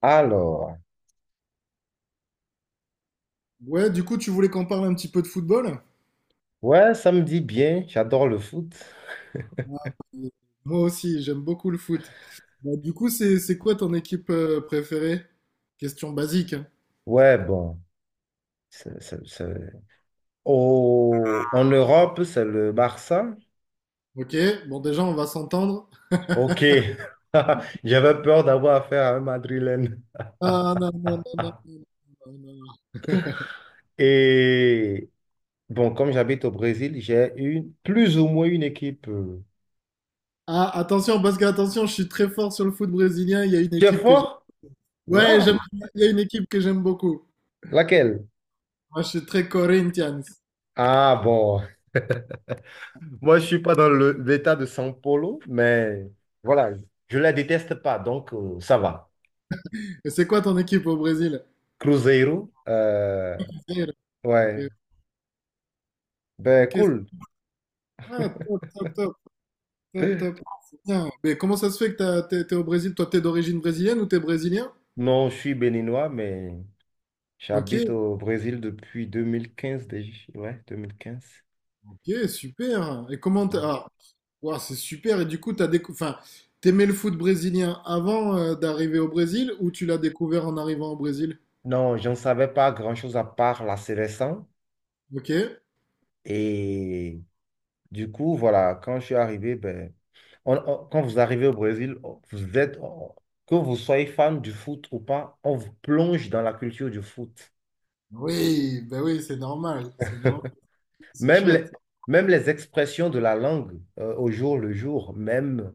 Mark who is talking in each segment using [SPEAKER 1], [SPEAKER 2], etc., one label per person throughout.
[SPEAKER 1] Alors,
[SPEAKER 2] Ouais, du coup, tu voulais qu'on parle un petit peu de football?
[SPEAKER 1] ouais, ça me dit bien, j'adore le foot.
[SPEAKER 2] Ah, bah, moi aussi, j'aime beaucoup le foot. Bah, du coup, c'est quoi ton équipe préférée? Question basique, hein.
[SPEAKER 1] Ouais, bon, c'est- c'est- c'est- en Europe, c'est le Barça.
[SPEAKER 2] Ok, bon déjà, on va s'entendre.
[SPEAKER 1] Ok, j'avais peur d'avoir affaire à un Madrilène.
[SPEAKER 2] Ah non, non, non, non, non, non, non, non.
[SPEAKER 1] Et bon, comme j'habite au Brésil, j'ai une plus ou moins une équipe. euh,
[SPEAKER 2] Ah, attention, parce que attention, je suis très fort sur le foot brésilien. Il y a une
[SPEAKER 1] qui est
[SPEAKER 2] équipe que j'aime.
[SPEAKER 1] fort?
[SPEAKER 2] Ouais,
[SPEAKER 1] Waouh!
[SPEAKER 2] il y a une équipe que j'aime beaucoup.
[SPEAKER 1] Laquelle?
[SPEAKER 2] Moi, je suis très Corinthians.
[SPEAKER 1] Ah bon, moi je suis pas dans l'état de São Paulo, mais voilà, je la déteste pas, donc ça va.
[SPEAKER 2] Et c'est quoi ton équipe au Brésil?
[SPEAKER 1] Cruzeiro. euh,
[SPEAKER 2] Ok,
[SPEAKER 1] ouais. Ben,
[SPEAKER 2] ok.
[SPEAKER 1] cool.
[SPEAKER 2] Ah, top, top, top. Top,
[SPEAKER 1] Euh,
[SPEAKER 2] top. Ah, c'est bien. Mais comment ça se fait que t'es au Brésil? Toi, t'es d'origine brésilienne ou t'es brésilien?
[SPEAKER 1] Non, je suis béninois, mais
[SPEAKER 2] Ok,
[SPEAKER 1] j'habite au Brésil depuis 2015 déjà. Ouais, 2015.
[SPEAKER 2] ok, super. Et ah, ouah, c'est super. Et du coup, enfin, t'aimais le foot brésilien avant d'arriver au Brésil ou tu l'as découvert en arrivant au Brésil?
[SPEAKER 1] Non, je ne savais pas grand-chose à part la sélection.
[SPEAKER 2] Ok.
[SPEAKER 1] Et du coup, voilà, quand je suis arrivé, ben, quand vous arrivez au Brésil, que vous soyez fan du foot ou pas, on vous plonge dans la culture du foot.
[SPEAKER 2] Oui, ben oui, c'est normal. C'est normal. C'est
[SPEAKER 1] Même les,
[SPEAKER 2] chouette.
[SPEAKER 1] même les expressions de la langue au jour le jour, même,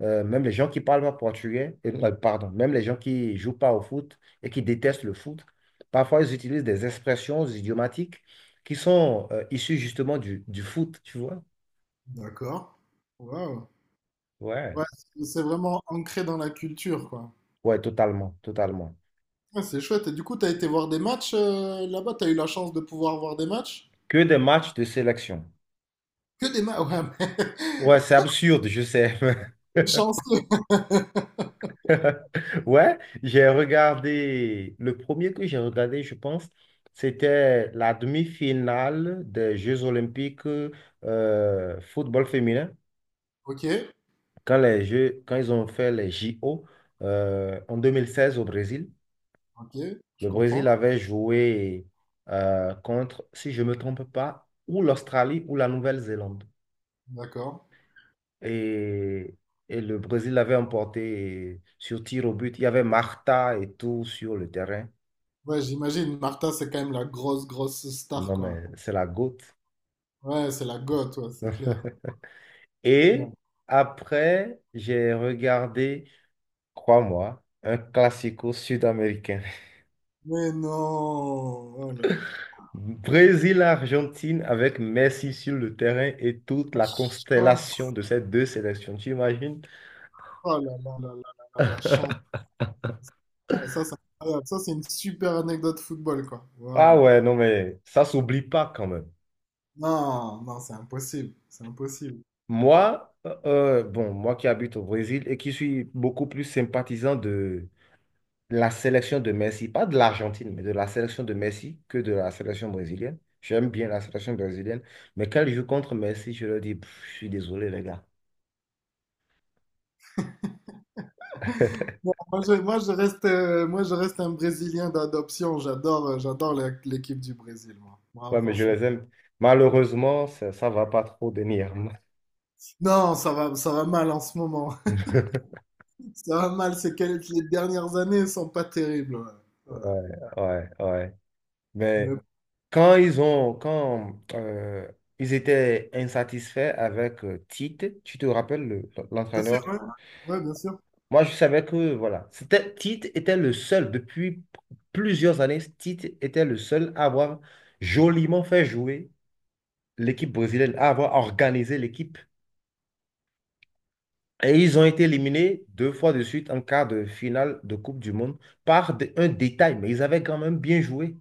[SPEAKER 1] euh, même les gens qui parlent pas portugais, pardon, même les gens qui jouent pas au foot et qui détestent le foot, parfois ils utilisent des expressions idiomatiques qui sont issues justement du foot, tu vois?
[SPEAKER 2] D'accord. Waouh.
[SPEAKER 1] Ouais.
[SPEAKER 2] Ouais, c'est vraiment ancré dans la culture, quoi.
[SPEAKER 1] Ouais, totalement, totalement.
[SPEAKER 2] Ouais, c'est chouette. Et du coup, t'as été voir des matchs là-bas? T'as eu la chance de pouvoir voir des matchs?
[SPEAKER 1] Que des matchs de sélection.
[SPEAKER 2] Que des matchs? Ouais,
[SPEAKER 1] Ouais, c'est absurde, je sais.
[SPEAKER 2] chanceux.
[SPEAKER 1] Ouais, j'ai regardé, le premier que j'ai regardé, je pense, c'était la demi-finale des Jeux Olympiques football féminin,
[SPEAKER 2] Ok,
[SPEAKER 1] quand ils ont fait les JO en 2016 au Brésil.
[SPEAKER 2] ok, je
[SPEAKER 1] Le
[SPEAKER 2] comprends.
[SPEAKER 1] Brésil avait joué contre, si je ne me trompe pas, ou l'Australie ou la Nouvelle-Zélande.
[SPEAKER 2] D'accord.
[SPEAKER 1] Et, et le Brésil avait emporté sur tir au but. Il y avait Marta et tout sur le terrain.
[SPEAKER 2] Ouais, j'imagine, Martha, c'est quand même la grosse, grosse star,
[SPEAKER 1] Non,
[SPEAKER 2] quoi.
[SPEAKER 1] mais c'est la goutte.
[SPEAKER 2] Ouais, c'est la goth, ouais, c'est clair, c'est clair.
[SPEAKER 1] Et après, j'ai regardé, crois-moi, un classico sud-américain.
[SPEAKER 2] Mais non! Oh là là,
[SPEAKER 1] Brésil-Argentine avec Messi sur le terrain et toute
[SPEAKER 2] la
[SPEAKER 1] la constellation
[SPEAKER 2] chance!
[SPEAKER 1] de ces deux sélections, tu imagines?
[SPEAKER 2] Oh là là là là là là, la chance! Ah, ça, c'est incroyable. Ça, c'est une super anecdote football, quoi.
[SPEAKER 1] Ah
[SPEAKER 2] Waouh!
[SPEAKER 1] ouais, non, mais ça s'oublie pas quand même.
[SPEAKER 2] Non, non, c'est impossible, c'est impossible.
[SPEAKER 1] Moi qui habite au Brésil et qui suis beaucoup plus sympathisant de la sélection de Messi, pas de l'Argentine, mais de la sélection de Messi que de la sélection brésilienne. J'aime bien la sélection brésilienne, mais quand ils jouent contre Messi, je leur dis, Pff, je suis désolé, les gars.
[SPEAKER 2] Bon, moi, je reste un Brésilien d'adoption. J'adore l'équipe du Brésil, moi. Moi,
[SPEAKER 1] Ouais, mais je
[SPEAKER 2] franchement.
[SPEAKER 1] les aime. Malheureusement, ça va pas trop venir.
[SPEAKER 2] Non, ça va mal en ce moment. Ça va mal, c'est que les dernières années sont pas terribles, ouais. Ouais.
[SPEAKER 1] Ouais, ouais, ouais. Mais
[SPEAKER 2] Mais
[SPEAKER 1] quand ils ont, quand ils étaient insatisfaits avec Tite, tu te rappelles le-
[SPEAKER 2] bien sûr,
[SPEAKER 1] l'entraîneur
[SPEAKER 2] ouais. Ouais, bien sûr.
[SPEAKER 1] Moi, je savais que, voilà, Tite était le seul, depuis plusieurs années, Tite était le seul à avoir joliment fait jouer l'équipe brésilienne, à avoir organisé l'équipe. Et ils ont été éliminés deux fois de suite en quart de finale de Coupe du Monde par un détail, mais ils avaient quand même bien joué.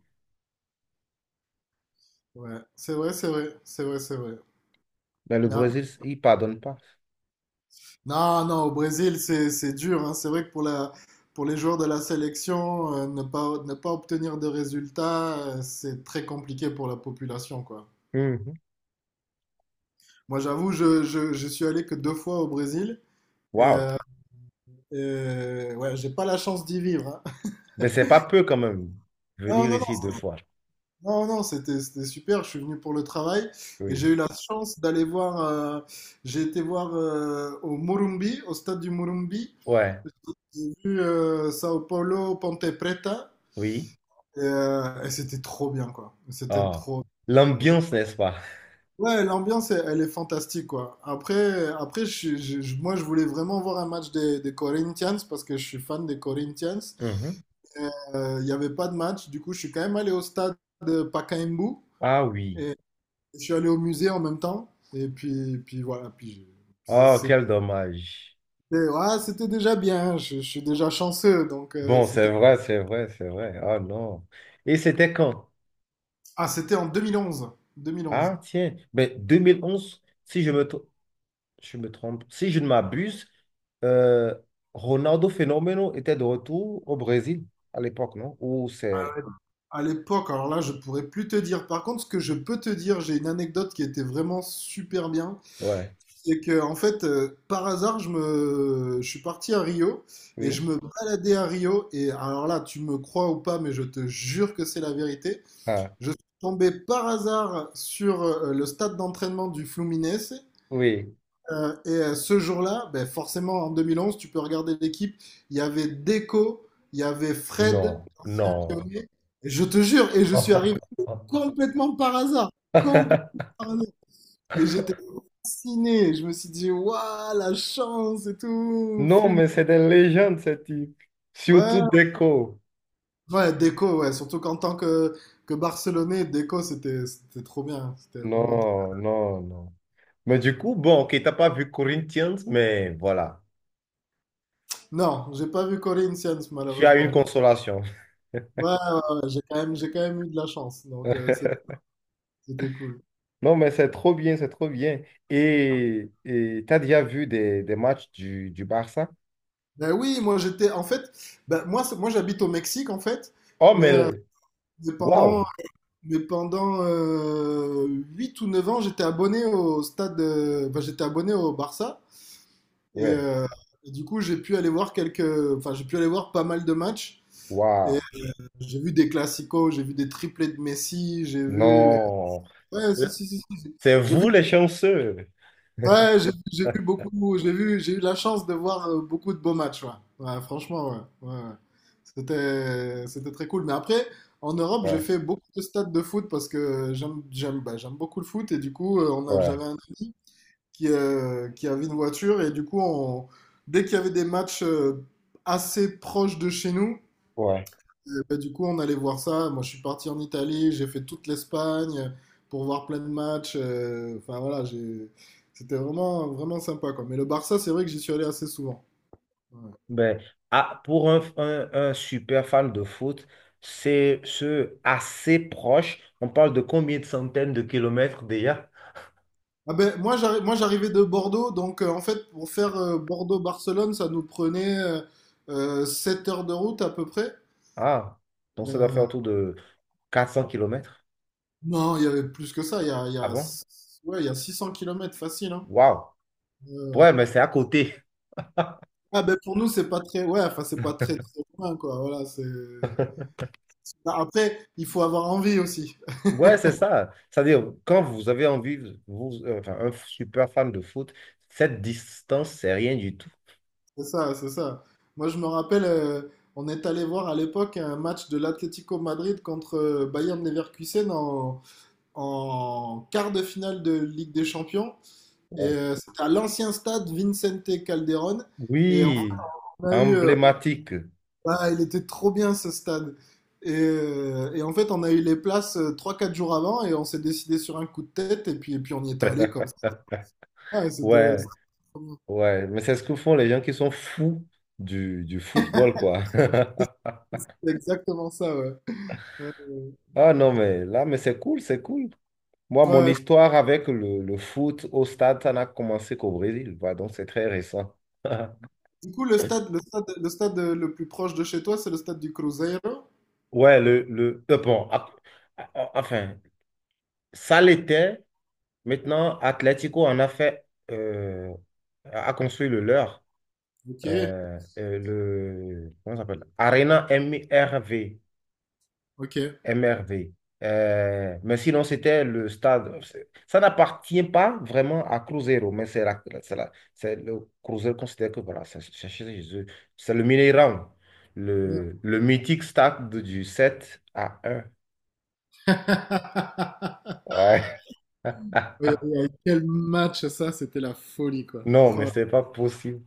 [SPEAKER 2] Ouais, c'est vrai, c'est vrai, c'est vrai, c'est vrai.
[SPEAKER 1] Mais le
[SPEAKER 2] Mais après-
[SPEAKER 1] Brésil, il pardonne pas.
[SPEAKER 2] Non, non, au Brésil, c'est dur, hein. C'est vrai que pour les joueurs de la sélection, ne pas obtenir de résultats, c'est très compliqué pour la population, quoi.
[SPEAKER 1] Mhm.
[SPEAKER 2] Moi, j'avoue, je suis allé que deux fois au Brésil et,
[SPEAKER 1] Waouh!
[SPEAKER 2] euh, et ouais, j'ai pas la chance d'y vivre, hein.
[SPEAKER 1] Mais c'est pas peu quand même,
[SPEAKER 2] Non,
[SPEAKER 1] venir
[SPEAKER 2] non,
[SPEAKER 1] ici deux
[SPEAKER 2] non,
[SPEAKER 1] fois.
[SPEAKER 2] non, non, c'était super. Je suis venu pour le travail et
[SPEAKER 1] Oui.
[SPEAKER 2] j'ai eu la chance d'aller voir. J'ai été voir au Morumbi, au stade du Morumbi.
[SPEAKER 1] Ouais.
[SPEAKER 2] J'ai vu Sao Paulo Ponte Preta
[SPEAKER 1] Oui.
[SPEAKER 2] et c'était trop bien, quoi. C'était
[SPEAKER 1] Ah.
[SPEAKER 2] trop bien, quoi. J'ai-
[SPEAKER 1] L'ambiance, n'est-ce pas?
[SPEAKER 2] Ouais, l'ambiance, elle est fantastique, quoi. Après je, suis- je- moi, je voulais vraiment voir un match des Corinthians parce que je suis fan des Corinthians.
[SPEAKER 1] Mhm.
[SPEAKER 2] Il n'y avait pas de match, du coup, je suis quand même allé au stade de Pacaembu.
[SPEAKER 1] Ah oui.
[SPEAKER 2] Je suis allé au musée en même temps. Et puis voilà. Puis je-
[SPEAKER 1] Oh,
[SPEAKER 2] c'est-
[SPEAKER 1] quel dommage.
[SPEAKER 2] c'était ouais, c'était déjà bien. Je suis déjà chanceux. Donc
[SPEAKER 1] Bon,
[SPEAKER 2] c'était.
[SPEAKER 1] c'est vrai, c'est vrai, c'est vrai. Ah non. Et c'était quand?
[SPEAKER 2] Ah, c'était en 2011. 2011.
[SPEAKER 1] Ah tiens, mais 2011. Si je me, tr- Je me trompe, si je ne m'abuse, euh, Ronaldo Fenomeno était de retour au Brésil à l'époque, non? Ou c'est...
[SPEAKER 2] À l'époque, alors là, je pourrais plus te dire. Par contre, ce que je peux te dire, j'ai une anecdote qui était vraiment super bien.
[SPEAKER 1] Ouais.
[SPEAKER 2] C'est que, en fait, par hasard, je suis parti à Rio et
[SPEAKER 1] Oui.
[SPEAKER 2] je me baladais à Rio. Et alors là, tu me crois ou pas, mais je te jure que c'est la vérité.
[SPEAKER 1] Ah,
[SPEAKER 2] Je suis tombé par hasard sur le stade d'entraînement du Fluminense.
[SPEAKER 1] oui.
[SPEAKER 2] Et ce jour-là, ben, forcément en 2011, tu peux regarder l'équipe. Il y avait Deco, il y avait
[SPEAKER 1] Non,
[SPEAKER 2] Fred, ancien
[SPEAKER 1] non.
[SPEAKER 2] Lyonnais. Et je te jure, et je suis arrivé complètement par hasard. Complètement par hasard. Et j'étais fasciné. Je me suis dit, waouh, la chance et tout.
[SPEAKER 1] Non,
[SPEAKER 2] Fluminense.
[SPEAKER 1] mais c'est des légendes, ce type. Surtout
[SPEAKER 2] Ouais,
[SPEAKER 1] Deco.
[SPEAKER 2] ouais, Deco, ouais. Surtout qu'en tant que, Barcelonais, Deco, c'était trop bien. C'était vraiment.
[SPEAKER 1] Non, non, non. Mais du coup, bon, ok, t'as pas vu Corinthians, mais voilà,
[SPEAKER 2] Non, j'ai pas vu Corinthians
[SPEAKER 1] tu as une
[SPEAKER 2] malheureusement.
[SPEAKER 1] consolation.
[SPEAKER 2] Ouais, ouais, ouais, j'ai quand même eu de la chance, donc c'était cool.
[SPEAKER 1] Non, mais c'est trop bien, c'est trop bien. Et t'as déjà vu des matchs du Barça?
[SPEAKER 2] Ben oui, moi j'étais, en fait, ben, moi, moi j'habite au Mexique en fait,
[SPEAKER 1] Oh, mais
[SPEAKER 2] mais, euh, mais pendant,
[SPEAKER 1] waouh,
[SPEAKER 2] mais pendant 8 ou 9 ans, j'étais abonné au stade, j'étais abonné au Barça, et,
[SPEAKER 1] ouais,
[SPEAKER 2] euh, et du coup j'ai pu aller voir quelques, enfin j'ai pu aller voir pas mal de matchs, et
[SPEAKER 1] waouh,
[SPEAKER 2] j'ai vu des classicos, j'ai vu des triplés de Messi, j'ai vu,
[SPEAKER 1] non,
[SPEAKER 2] ouais, si, si, si, si,
[SPEAKER 1] c'est
[SPEAKER 2] j'ai vu.
[SPEAKER 1] vous les chanceux.
[SPEAKER 2] Ouais, j'ai vu beaucoup, j'ai eu la chance de voir beaucoup de beaux matchs, ouais. Ouais, franchement, ouais, ouais, ouais. C'était très cool. Mais après, en Europe, j'ai
[SPEAKER 1] Ouais,
[SPEAKER 2] fait beaucoup de stades de foot parce que bah, j'aime beaucoup le foot et du coup,
[SPEAKER 1] ouais,
[SPEAKER 2] j'avais un ami qui avait une voiture et du coup, dès qu'il y avait des matchs assez proches de chez nous,
[SPEAKER 1] ouais.
[SPEAKER 2] et du coup, on allait voir ça. Moi, je suis parti en Italie, j'ai fait toute l'Espagne pour voir plein de matchs. Enfin, voilà, j'ai... c'était vraiment, vraiment sympa, quoi. Mais le Barça, c'est vrai que j'y suis allé assez souvent. Ouais.
[SPEAKER 1] Ben, ah, pour un super fan de foot, c'est ce assez proche. On parle de combien de centaines de kilomètres déjà?
[SPEAKER 2] Ah ben, moi, j'arrivais de Bordeaux, donc en fait, pour faire Bordeaux-Barcelone, ça nous prenait 7 heures de route à peu près.
[SPEAKER 1] Ah, donc ça doit faire
[SPEAKER 2] Euh,
[SPEAKER 1] autour de 400 kilomètres.
[SPEAKER 2] non, il y avait plus que ça.
[SPEAKER 1] Ah bon?
[SPEAKER 2] Ouais, il y a 600 kilomètres facile, hein.
[SPEAKER 1] Waouh! Ouais, mais c'est à côté.
[SPEAKER 2] Ah ben, pour nous c'est pas très, ouais, enfin, c'est pas très très loin, quoi, voilà, c'est. Bah, après, il faut avoir envie aussi.
[SPEAKER 1] Ouais, c'est ça. C'est-à-dire, quand vous avez envie, vous, enfin, un super fan de foot, cette distance, c'est rien du tout.
[SPEAKER 2] C'est ça, c'est ça. Moi, je me rappelle, on est allé voir à l'époque un match de l'Atlético Madrid contre Bayern Leverkusen en quart de finale de Ligue des Champions. Et c'était à l'ancien stade Vicente Calderón. Et
[SPEAKER 1] Oui,
[SPEAKER 2] on a eu, euh,
[SPEAKER 1] emblématique.
[SPEAKER 2] ah, il était trop bien ce stade. Et en fait, on a eu les places trois quatre jours avant et on s'est décidé sur un coup de tête. Et puis on y est allé comme ça. Ah, C'était
[SPEAKER 1] Ouais, ouais. Mais c'est ce que font les gens qui sont fous du football, quoi.
[SPEAKER 2] c'était exactement ça, ouais.
[SPEAKER 1] Ah non, mais là, mais c'est cool, c'est cool. Moi, mon
[SPEAKER 2] Ouais.
[SPEAKER 1] histoire avec le foot au stade, ça n'a commencé qu'au Brésil, quoi, donc c'est très récent.
[SPEAKER 2] Du coup, le stade le plus proche de chez toi, c'est le stade du Cruzeiro.
[SPEAKER 1] Ouais, le, bon, a- a- enfin, ça l'était. Maintenant, Atlético en a fait, a a construit le leur.
[SPEAKER 2] Ok,
[SPEAKER 1] Comment ça s'appelle? Arena MRV.
[SPEAKER 2] ok.
[SPEAKER 1] MRV. Mais sinon, c'était le stade. Ça n'appartient pas vraiment à Cruzeiro, mais c'est le Cruzeiro considère que voilà, c'est chez eux. C'est le Mineirão,
[SPEAKER 2] Ouais.
[SPEAKER 1] le mythique stade du 7 à un. Ouais.
[SPEAKER 2] Oui, oui, oui. Quel match ça, c'était la folie quoi.
[SPEAKER 1] Non, mais
[SPEAKER 2] Oh,
[SPEAKER 1] c'est pas possible.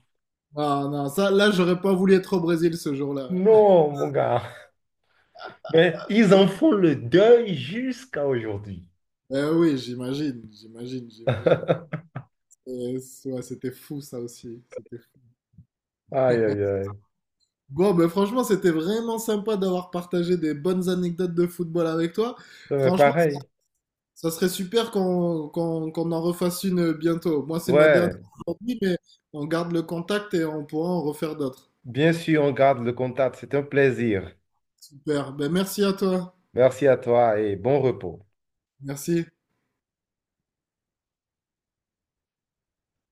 [SPEAKER 2] non, non, ça, là, j'aurais pas voulu être au Brésil ce jour-là.
[SPEAKER 1] Non, mon gars. Mais ils en font le deuil jusqu'à aujourd'hui.
[SPEAKER 2] Eh oui, j'imagine, j'imagine, j'imagine. Et ouais, c'était fou ça aussi. C'était fou.
[SPEAKER 1] Aïe, aïe, aïe.
[SPEAKER 2] Bon, ben franchement, c'était vraiment sympa d'avoir partagé des bonnes anecdotes de football avec toi.
[SPEAKER 1] Non, mais
[SPEAKER 2] Franchement.
[SPEAKER 1] pareil.
[SPEAKER 2] Ça serait super qu'on en refasse une bientôt. Moi, c'est ma dernière
[SPEAKER 1] Ouais,
[SPEAKER 2] aujourd'hui, mais on garde le contact et on pourra en refaire d'autres.
[SPEAKER 1] bien sûr, on garde le contact. C'est un plaisir.
[SPEAKER 2] Super. Ben, merci à toi.
[SPEAKER 1] Merci à toi et bon repos.
[SPEAKER 2] Merci.